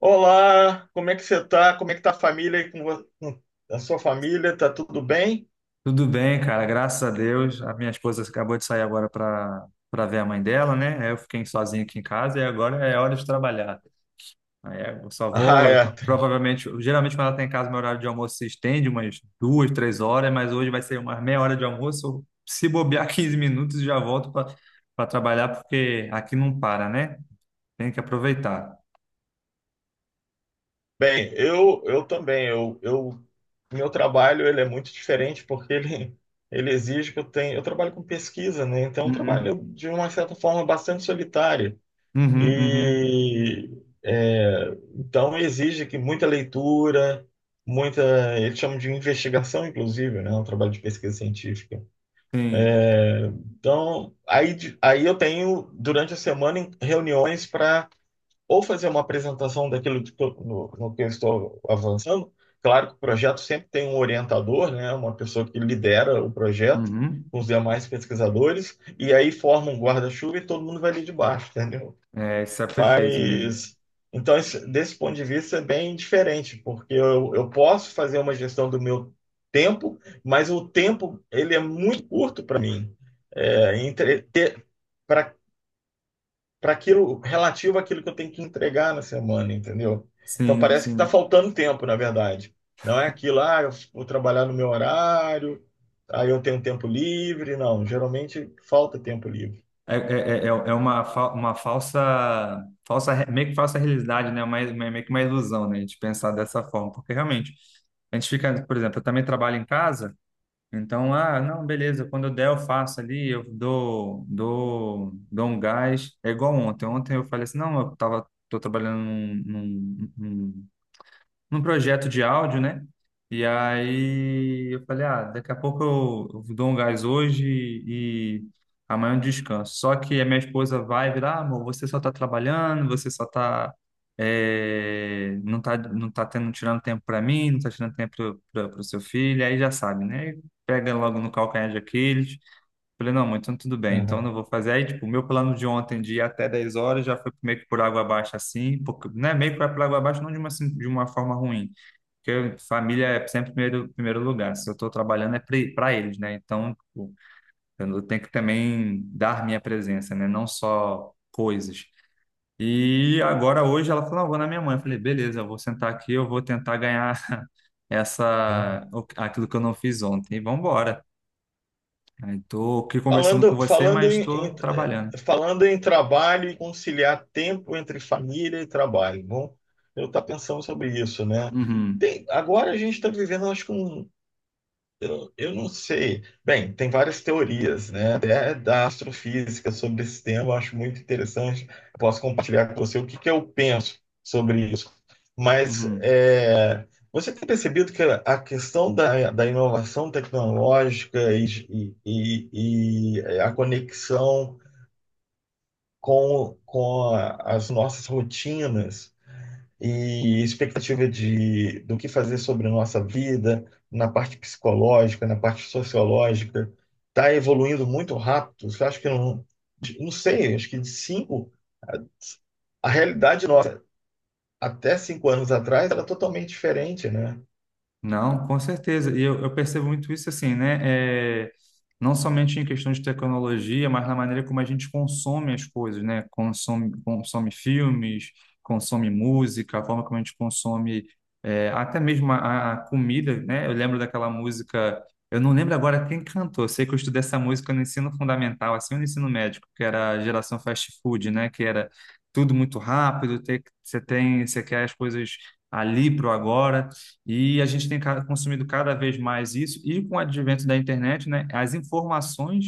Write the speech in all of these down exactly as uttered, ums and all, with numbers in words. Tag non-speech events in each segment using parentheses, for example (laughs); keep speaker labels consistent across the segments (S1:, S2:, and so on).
S1: Olá, como é que você tá? Como é que tá a família aí com vo- com a sua família? Tá tudo bem?
S2: Tudo bem, cara, graças a Deus. A minha esposa acabou de sair agora para para ver a mãe dela, né? Aí Eu fiquei sozinho aqui em casa e agora é hora de trabalhar. Aí eu só
S1: (laughs) Ah,
S2: vou,
S1: é.
S2: provavelmente, geralmente quando ela está em casa, meu horário de almoço se estende umas duas, três horas, mas hoje vai ser umas meia hora de almoço. Se bobear (laughs) quinze minutos, já volto para para trabalhar, porque aqui não para, né? Tem que aproveitar.
S1: Bem, eu eu também, eu, eu meu trabalho ele é muito diferente porque ele ele exige que eu tenha, eu trabalho com pesquisa, né? Então, é um
S2: Uhum,
S1: trabalho de uma certa forma bastante solitário
S2: uhum, uhum.
S1: e é, então exige que muita leitura, muita, eles chamam de investigação inclusive, né? É Um trabalho de pesquisa científica.
S2: Sim.
S1: Então, aí, de- aí eu tenho, durante a semana, em- reuniões para ou fazer uma apresentação daquilo de que eu- no, no que eu estou avançando. Claro que o projeto sempre tem um orientador, né? Uma pessoa que lidera o projeto
S2: Uhum.
S1: com os demais pesquisadores, e aí forma um guarda-chuva e todo mundo vai ali de baixo, entendeu?
S2: É, isso é perfeito mesmo.
S1: Isso. Então, esse- desse ponto de vista, é bem diferente, porque eu, eu posso fazer uma gestão do meu tempo, mas o tempo ele é muito curto para mim. É, entre, ter, para para aquilo relativo àquilo que eu tenho que entregar na semana, entendeu? Então
S2: Sim,
S1: parece que está
S2: sim.
S1: faltando tempo, na verdade. Não é aquilo, ah, eu vou trabalhar no meu horário, aí eu tenho tempo livre. Não, geralmente falta tempo livre.
S2: É, é, é é é uma, fa- uma falsa, falsa, re- meio que falsa realidade, né? Uma, uma- meio que uma ilusão, né? A gente pensar dessa forma. Porque realmente, a gente fica, por exemplo, eu também trabalho em casa, então, ah, não, beleza, quando eu der, eu faço ali, eu dou, dou, dou um gás. É igual ontem. Ontem eu falei assim, não, eu tava, tô trabalhando num, num projeto de áudio, né? E aí eu falei, ah, daqui a pouco eu eu dou um gás hoje e amanhã eu descanso. Só que a minha esposa vai virar, ah, amor, você só tá trabalhando, você só tá, é, não tá, não tá tendo, tirando tempo para mim, não tá tirando tempo para o seu filho, aí já sabe, né? Pega logo no calcanhar de Aquiles. Falei, não, mãe, então tudo bem, então não vou fazer. Aí, tipo, o meu plano de ontem de ir até dez horas já foi meio que por água abaixo, assim, porque, né, meio que por água abaixo, não de uma, assim, de uma forma ruim, porque família é sempre primeiro, primeiro lugar. Se eu estou trabalhando é para eles, né? Então, tipo, eu tenho que também dar minha presença, né? Não só coisas. E agora, hoje, ela falou, não, vou na minha mãe. Eu falei, beleza, eu vou sentar aqui, eu vou tentar ganhar (laughs)
S1: Uhum.
S2: essa, o- aquilo que eu não fiz ontem. E vamos embora. Estou aqui conversando com
S1: Falando,
S2: você,
S1: falando
S2: mas
S1: em, em-
S2: estou
S1: eh,
S2: trabalhando.
S1: falando em trabalho e conciliar tempo entre família e trabalho. Bom, eu estou pensando sobre isso, né?
S2: Uhum,
S1: Tem- agora a gente está vivendo, acho que um, eu, não- eu não sei. Bem, tem várias teorias, né? Até da astrofísica sobre esse tema, eu acho muito interessante. Posso compartilhar com você o que que eu penso sobre isso. Mas
S2: uhum.
S1: é, você tem percebido que a questão da, da inovação tecnológica e, e, e a conexão com, com a- as nossas rotinas e expectativa de, do que fazer sobre a nossa vida, na parte psicológica, na parte sociológica, está evoluindo muito rápido. Eu acho que não, não sei, acho que de cinco, a, a realidade nossa até cinco anos atrás era totalmente diferente, né?
S2: Não, com certeza. E eu, eu percebo muito isso assim, né? É, não somente em questão de tecnologia, mas na maneira como a gente consome as coisas, né? Consome, consome filmes, consome música, a forma como a gente consome é, até mesmo a, a comida, né? Eu lembro daquela música, eu não lembro agora quem cantou. Eu sei que eu estudei essa música no ensino fundamental, assim, ou no ensino médio, que era a geração fast food, né? Que era tudo muito rápido, tem- você tem, você quer as coisas ali pro agora. E a gente tem ca- consumido cada vez mais isso, e com o advento da internet, né, as informações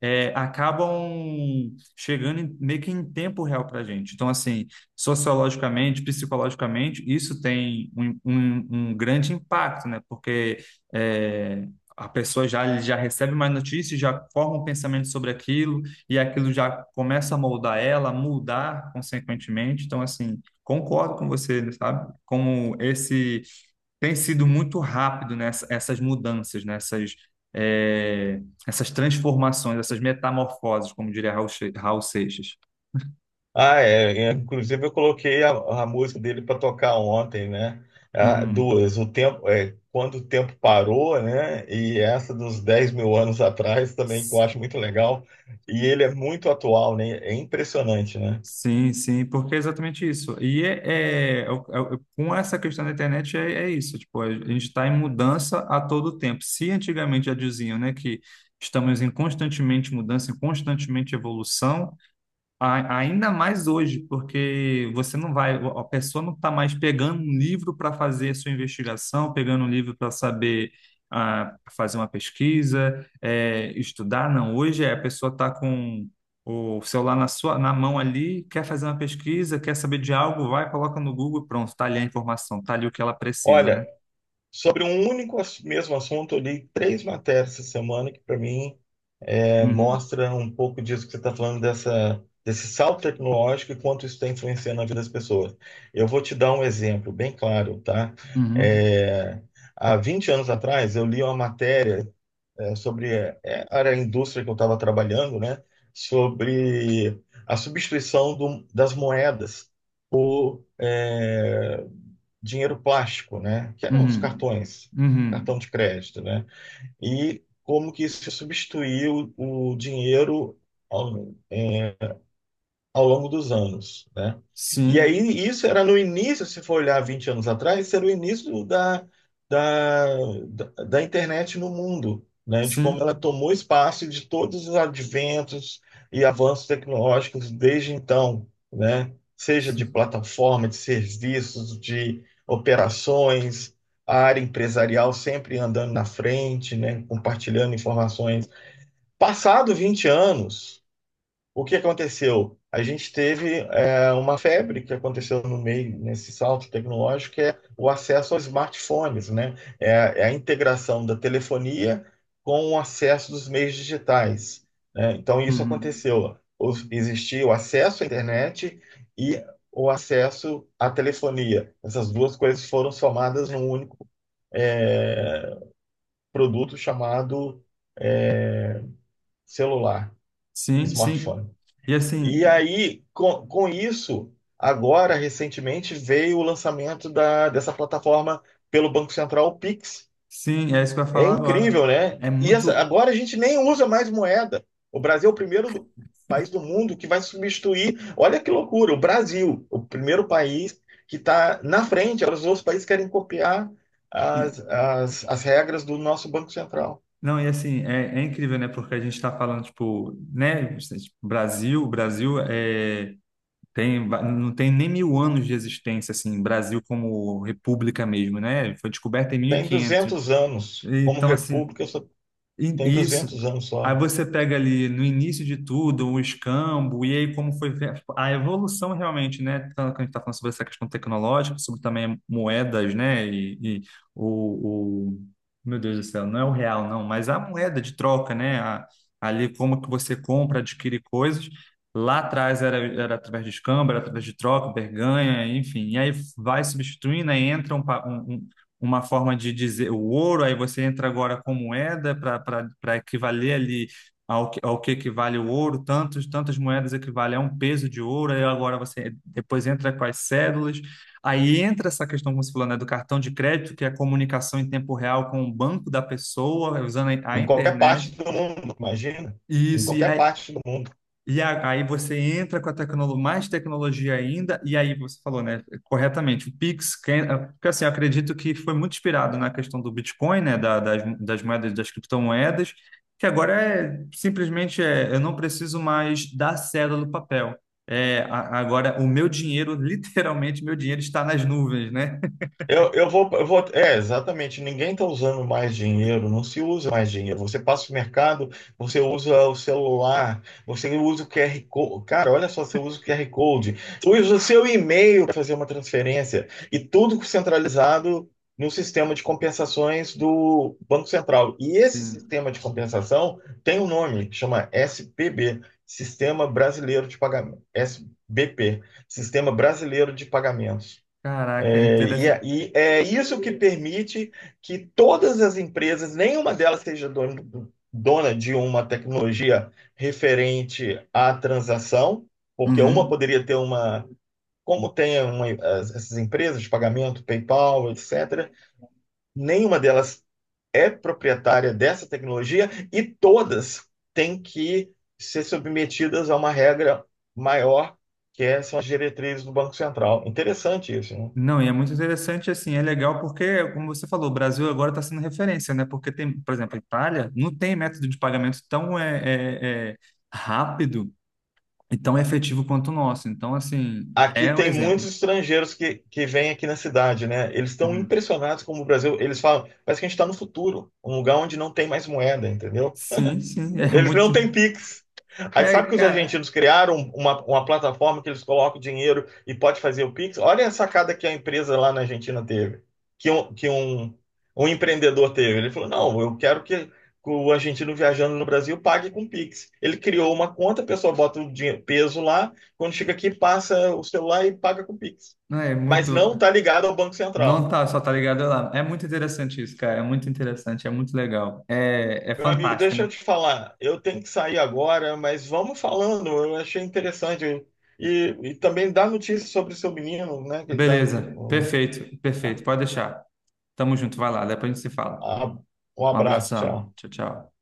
S2: eh, acabam chegando em- meio que em tempo real para a gente. Então, assim, sociologicamente, psicologicamente, isso tem um, um- um grande impacto, né? Porque eh, a pessoa já, já recebe mais notícias, já forma um pensamento sobre aquilo, e aquilo já começa a moldar ela, mudar consequentemente. Então, assim, concordo com você, sabe? Como esse tem sido muito rápido nessa, essas mudanças, nessas é, essas transformações, essas metamorfoses, como diria Raul, Che- Raul Seixas.
S1: Ah, é, é, inclusive eu coloquei a, a música dele para tocar ontem, né? Ah,
S2: Uhum.
S1: duas. O tempo, é, quando o tempo parou, né? E essa dos dez mil anos atrás também, que eu
S2: S-
S1: acho muito legal. E ele é muito atual, né? É impressionante, né?
S2: Sim, sim, porque é exatamente isso. E é, é- é o- é o- com essa questão da internet é, é isso, tipo, a gente está em mudança a todo tempo. Se antigamente já diziam, né, que estamos em constantemente mudança, em constantemente evolução, A- Ainda mais hoje, porque você não vai, a pessoa não está mais pegando um livro para fazer sua investigação, pegando um livro para saber ah, fazer uma pesquisa, eh, estudar, não. Hoje é, a pessoa está com o celular na sua, na mão ali, quer fazer uma pesquisa, quer saber de algo, vai, coloca no Google, e pronto, está ali a informação, está ali o que ela precisa, né?
S1: Olha, sobre um único ass- mesmo assunto, eu li três matérias essa semana que, para mim, É,
S2: Uhum,
S1: mostra um pouco disso que você está falando, dessa, desse salto tecnológico e quanto isso está influenciando a vida das pessoas. Eu vou te dar um exemplo bem claro, tá?
S2: uhum,
S1: É, Há vinte anos atrás, eu li uma matéria é, sobre, é, era a indústria que eu estava trabalhando, né? Sobre a substituição do, das moedas, é, dinheiro plástico, né? Que eram os
S2: uhum,
S1: cartões, cartão
S2: uhum.
S1: de crédito, né? E como que isso substituiu o dinheiro, ó, é, ao longo dos anos, né? E
S2: Sim,
S1: aí isso era no início, se for olhar vinte anos atrás, isso era o início da, da, da, da internet no mundo, né? De como ela
S2: sim,
S1: tomou espaço e de todos os adventos e avanços tecnológicos desde então, né? Seja de
S2: sim.
S1: plataforma, de serviços, de operações, a área empresarial sempre andando na frente, né? Compartilhando informações. Passado vinte anos o que aconteceu? A gente teve é, uma febre que aconteceu no meio, nesse salto tecnológico, que é o acesso aos smartphones, né? É, é a integração da telefonia com o acesso dos meios digitais, né? Então, isso
S2: Uhum.
S1: aconteceu. O- Existia o acesso à internet e o acesso à telefonia. Essas duas coisas foram somadas num único, é, produto chamado celular,
S2: Sim, sim.
S1: smartphone.
S2: E
S1: E
S2: assim,
S1: aí, com, com isso, agora, recentemente, veio o lançamento da, dessa plataforma pelo Banco Central, o Pix.
S2: sim, é isso que eu ia
S1: É
S2: falar agora.
S1: incrível, né?
S2: É
S1: E essa-
S2: muito.
S1: agora a gente nem usa mais moeda. O Brasil é o primeiro do- país do mundo que vai substituir. Olha que loucura, o Brasil, o primeiro país que está na frente. Agora os outros países querem copiar as,
S2: e-
S1: as, as regras do nosso Banco Central.
S2: Não, e assim, é, é incrível, né? Porque a gente está falando, tipo, né? Tipo, Brasil, Brasil, é, tem, va- não tem nem mil anos de existência, assim, Brasil como república mesmo, né? Foi descoberta em mil e
S1: Tem
S2: quinhentos
S1: duzentos anos, como
S2: Então, assim,
S1: república, só
S2: E-
S1: tem
S2: isso.
S1: duzentos anos
S2: Aí
S1: só.
S2: você pega ali no início de tudo o escambo, e aí como foi ver a evolução realmente, né? Tanto que a gente está falando sobre essa questão tecnológica, sobre também moedas, né? E, e o, o- Meu Deus do céu, não é o real, não, mas a moeda de troca, né? A- ali como que você compra, adquire coisas. Lá atrás era, era através de escambo, era através de troca, barganha, enfim. E aí vai substituindo, aí entra uma forma de dizer o ouro, aí você entra agora com moeda para equivaler ali ao, que- ao que equivale o ouro, tantos, tantas moedas equivale a um peso de ouro, aí agora você depois entra com as cédulas, aí entra essa questão, como você falou, né, do cartão de crédito, que é a comunicação em tempo real com o banco da pessoa, usando a a
S1: Em qualquer parte
S2: internet.
S1: do mundo, imagina. Em
S2: Isso,
S1: qualquer parte do mundo.
S2: e a- aí você entra com a tecnolo- mais tecnologia ainda, e aí você falou, né, corretamente, o Pix, quem- é, porque assim, eu acredito que foi muito inspirado na questão do Bitcoin, né, da- das, das moedas, das criptomoedas, que agora é simplesmente, é, eu não preciso mais da cédula do papel. É, a- agora o meu dinheiro, (laughs) literalmente, meu dinheiro está nas nuvens, né?
S1: Eu, eu vou, eu vou. É, exatamente. Ninguém está usando mais dinheiro, não se usa mais dinheiro. Você passa o mercado, você usa o celular, você usa o Q R Code. Cara, olha só, você usa o Q R Code, você usa o seu e-mail para fazer uma transferência. E tudo centralizado no sistema de compensações do Banco Central. E esse
S2: Sim.
S1: sistema de compensação tem um nome, chama S P B, Sistema Brasileiro de Pagamento. S B P, Sistema Brasileiro de Pagamentos.
S2: Caraca,
S1: É, E, é,
S2: interessante.
S1: e é isso que permite que todas as empresas, nenhuma delas seja dona, dona de uma tecnologia referente à transação, porque uma poderia ter uma, como tem uma- as- essas empresas de pagamento, PayPal, etcétera, nenhuma delas é proprietária dessa tecnologia e todas têm que ser submetidas a uma regra maior, que é- são as diretrizes do Banco Central. Interessante isso, né?
S2: Não, e é muito interessante, assim, é legal porque, como você falou, o Brasil agora está sendo referência, né? Porque tem, por exemplo, a Itália não tem método de pagamento tão é, é, é, rápido e tão efetivo quanto o nosso. Então, assim,
S1: Aqui
S2: é um
S1: tem muitos
S2: exemplo.
S1: estrangeiros que, que vêm aqui na cidade, né? Eles estão
S2: Uhum.
S1: impressionados como o Brasil. Eles falam, parece que a gente está no futuro, um lugar onde não tem mais moeda, entendeu?
S2: Sim, sim, (laughs) é
S1: Eles não
S2: muito.
S1: têm Pix. Aí sabe
S2: É,
S1: que os
S2: cara,
S1: argentinos criaram uma, uma plataforma que eles colocam dinheiro e pode fazer o Pix? Olha a sacada que a empresa lá na Argentina teve, que um, que um, um empreendedor teve. Ele falou: não, eu quero que o argentino viajando no Brasil pague com Pix. Ele criou uma conta, a pessoa bota o dinhe- peso lá, quando chega aqui, passa o celular e paga com Pix.
S2: não é
S1: Mas não
S2: muito.
S1: está ligado ao Banco
S2: Não
S1: Central.
S2: tá, só tá ligado lá. É muito interessante isso, cara. É muito interessante, é muito legal. É, é
S1: Meu amigo,
S2: fantástico,
S1: deixa
S2: né?
S1: eu te falar. Eu tenho que sair agora, mas vamos falando. Eu achei interessante. E, e também dá notícias sobre o seu menino, né? Que ele tá no.
S2: Beleza,
S1: no-
S2: perfeito,
S1: tá.
S2: perfeito. Pode deixar. Tamo junto, vai lá, depois a gente se fala.
S1: Ah, um
S2: Um
S1: abraço,
S2: abração.
S1: tchau.
S2: Tchau, tchau.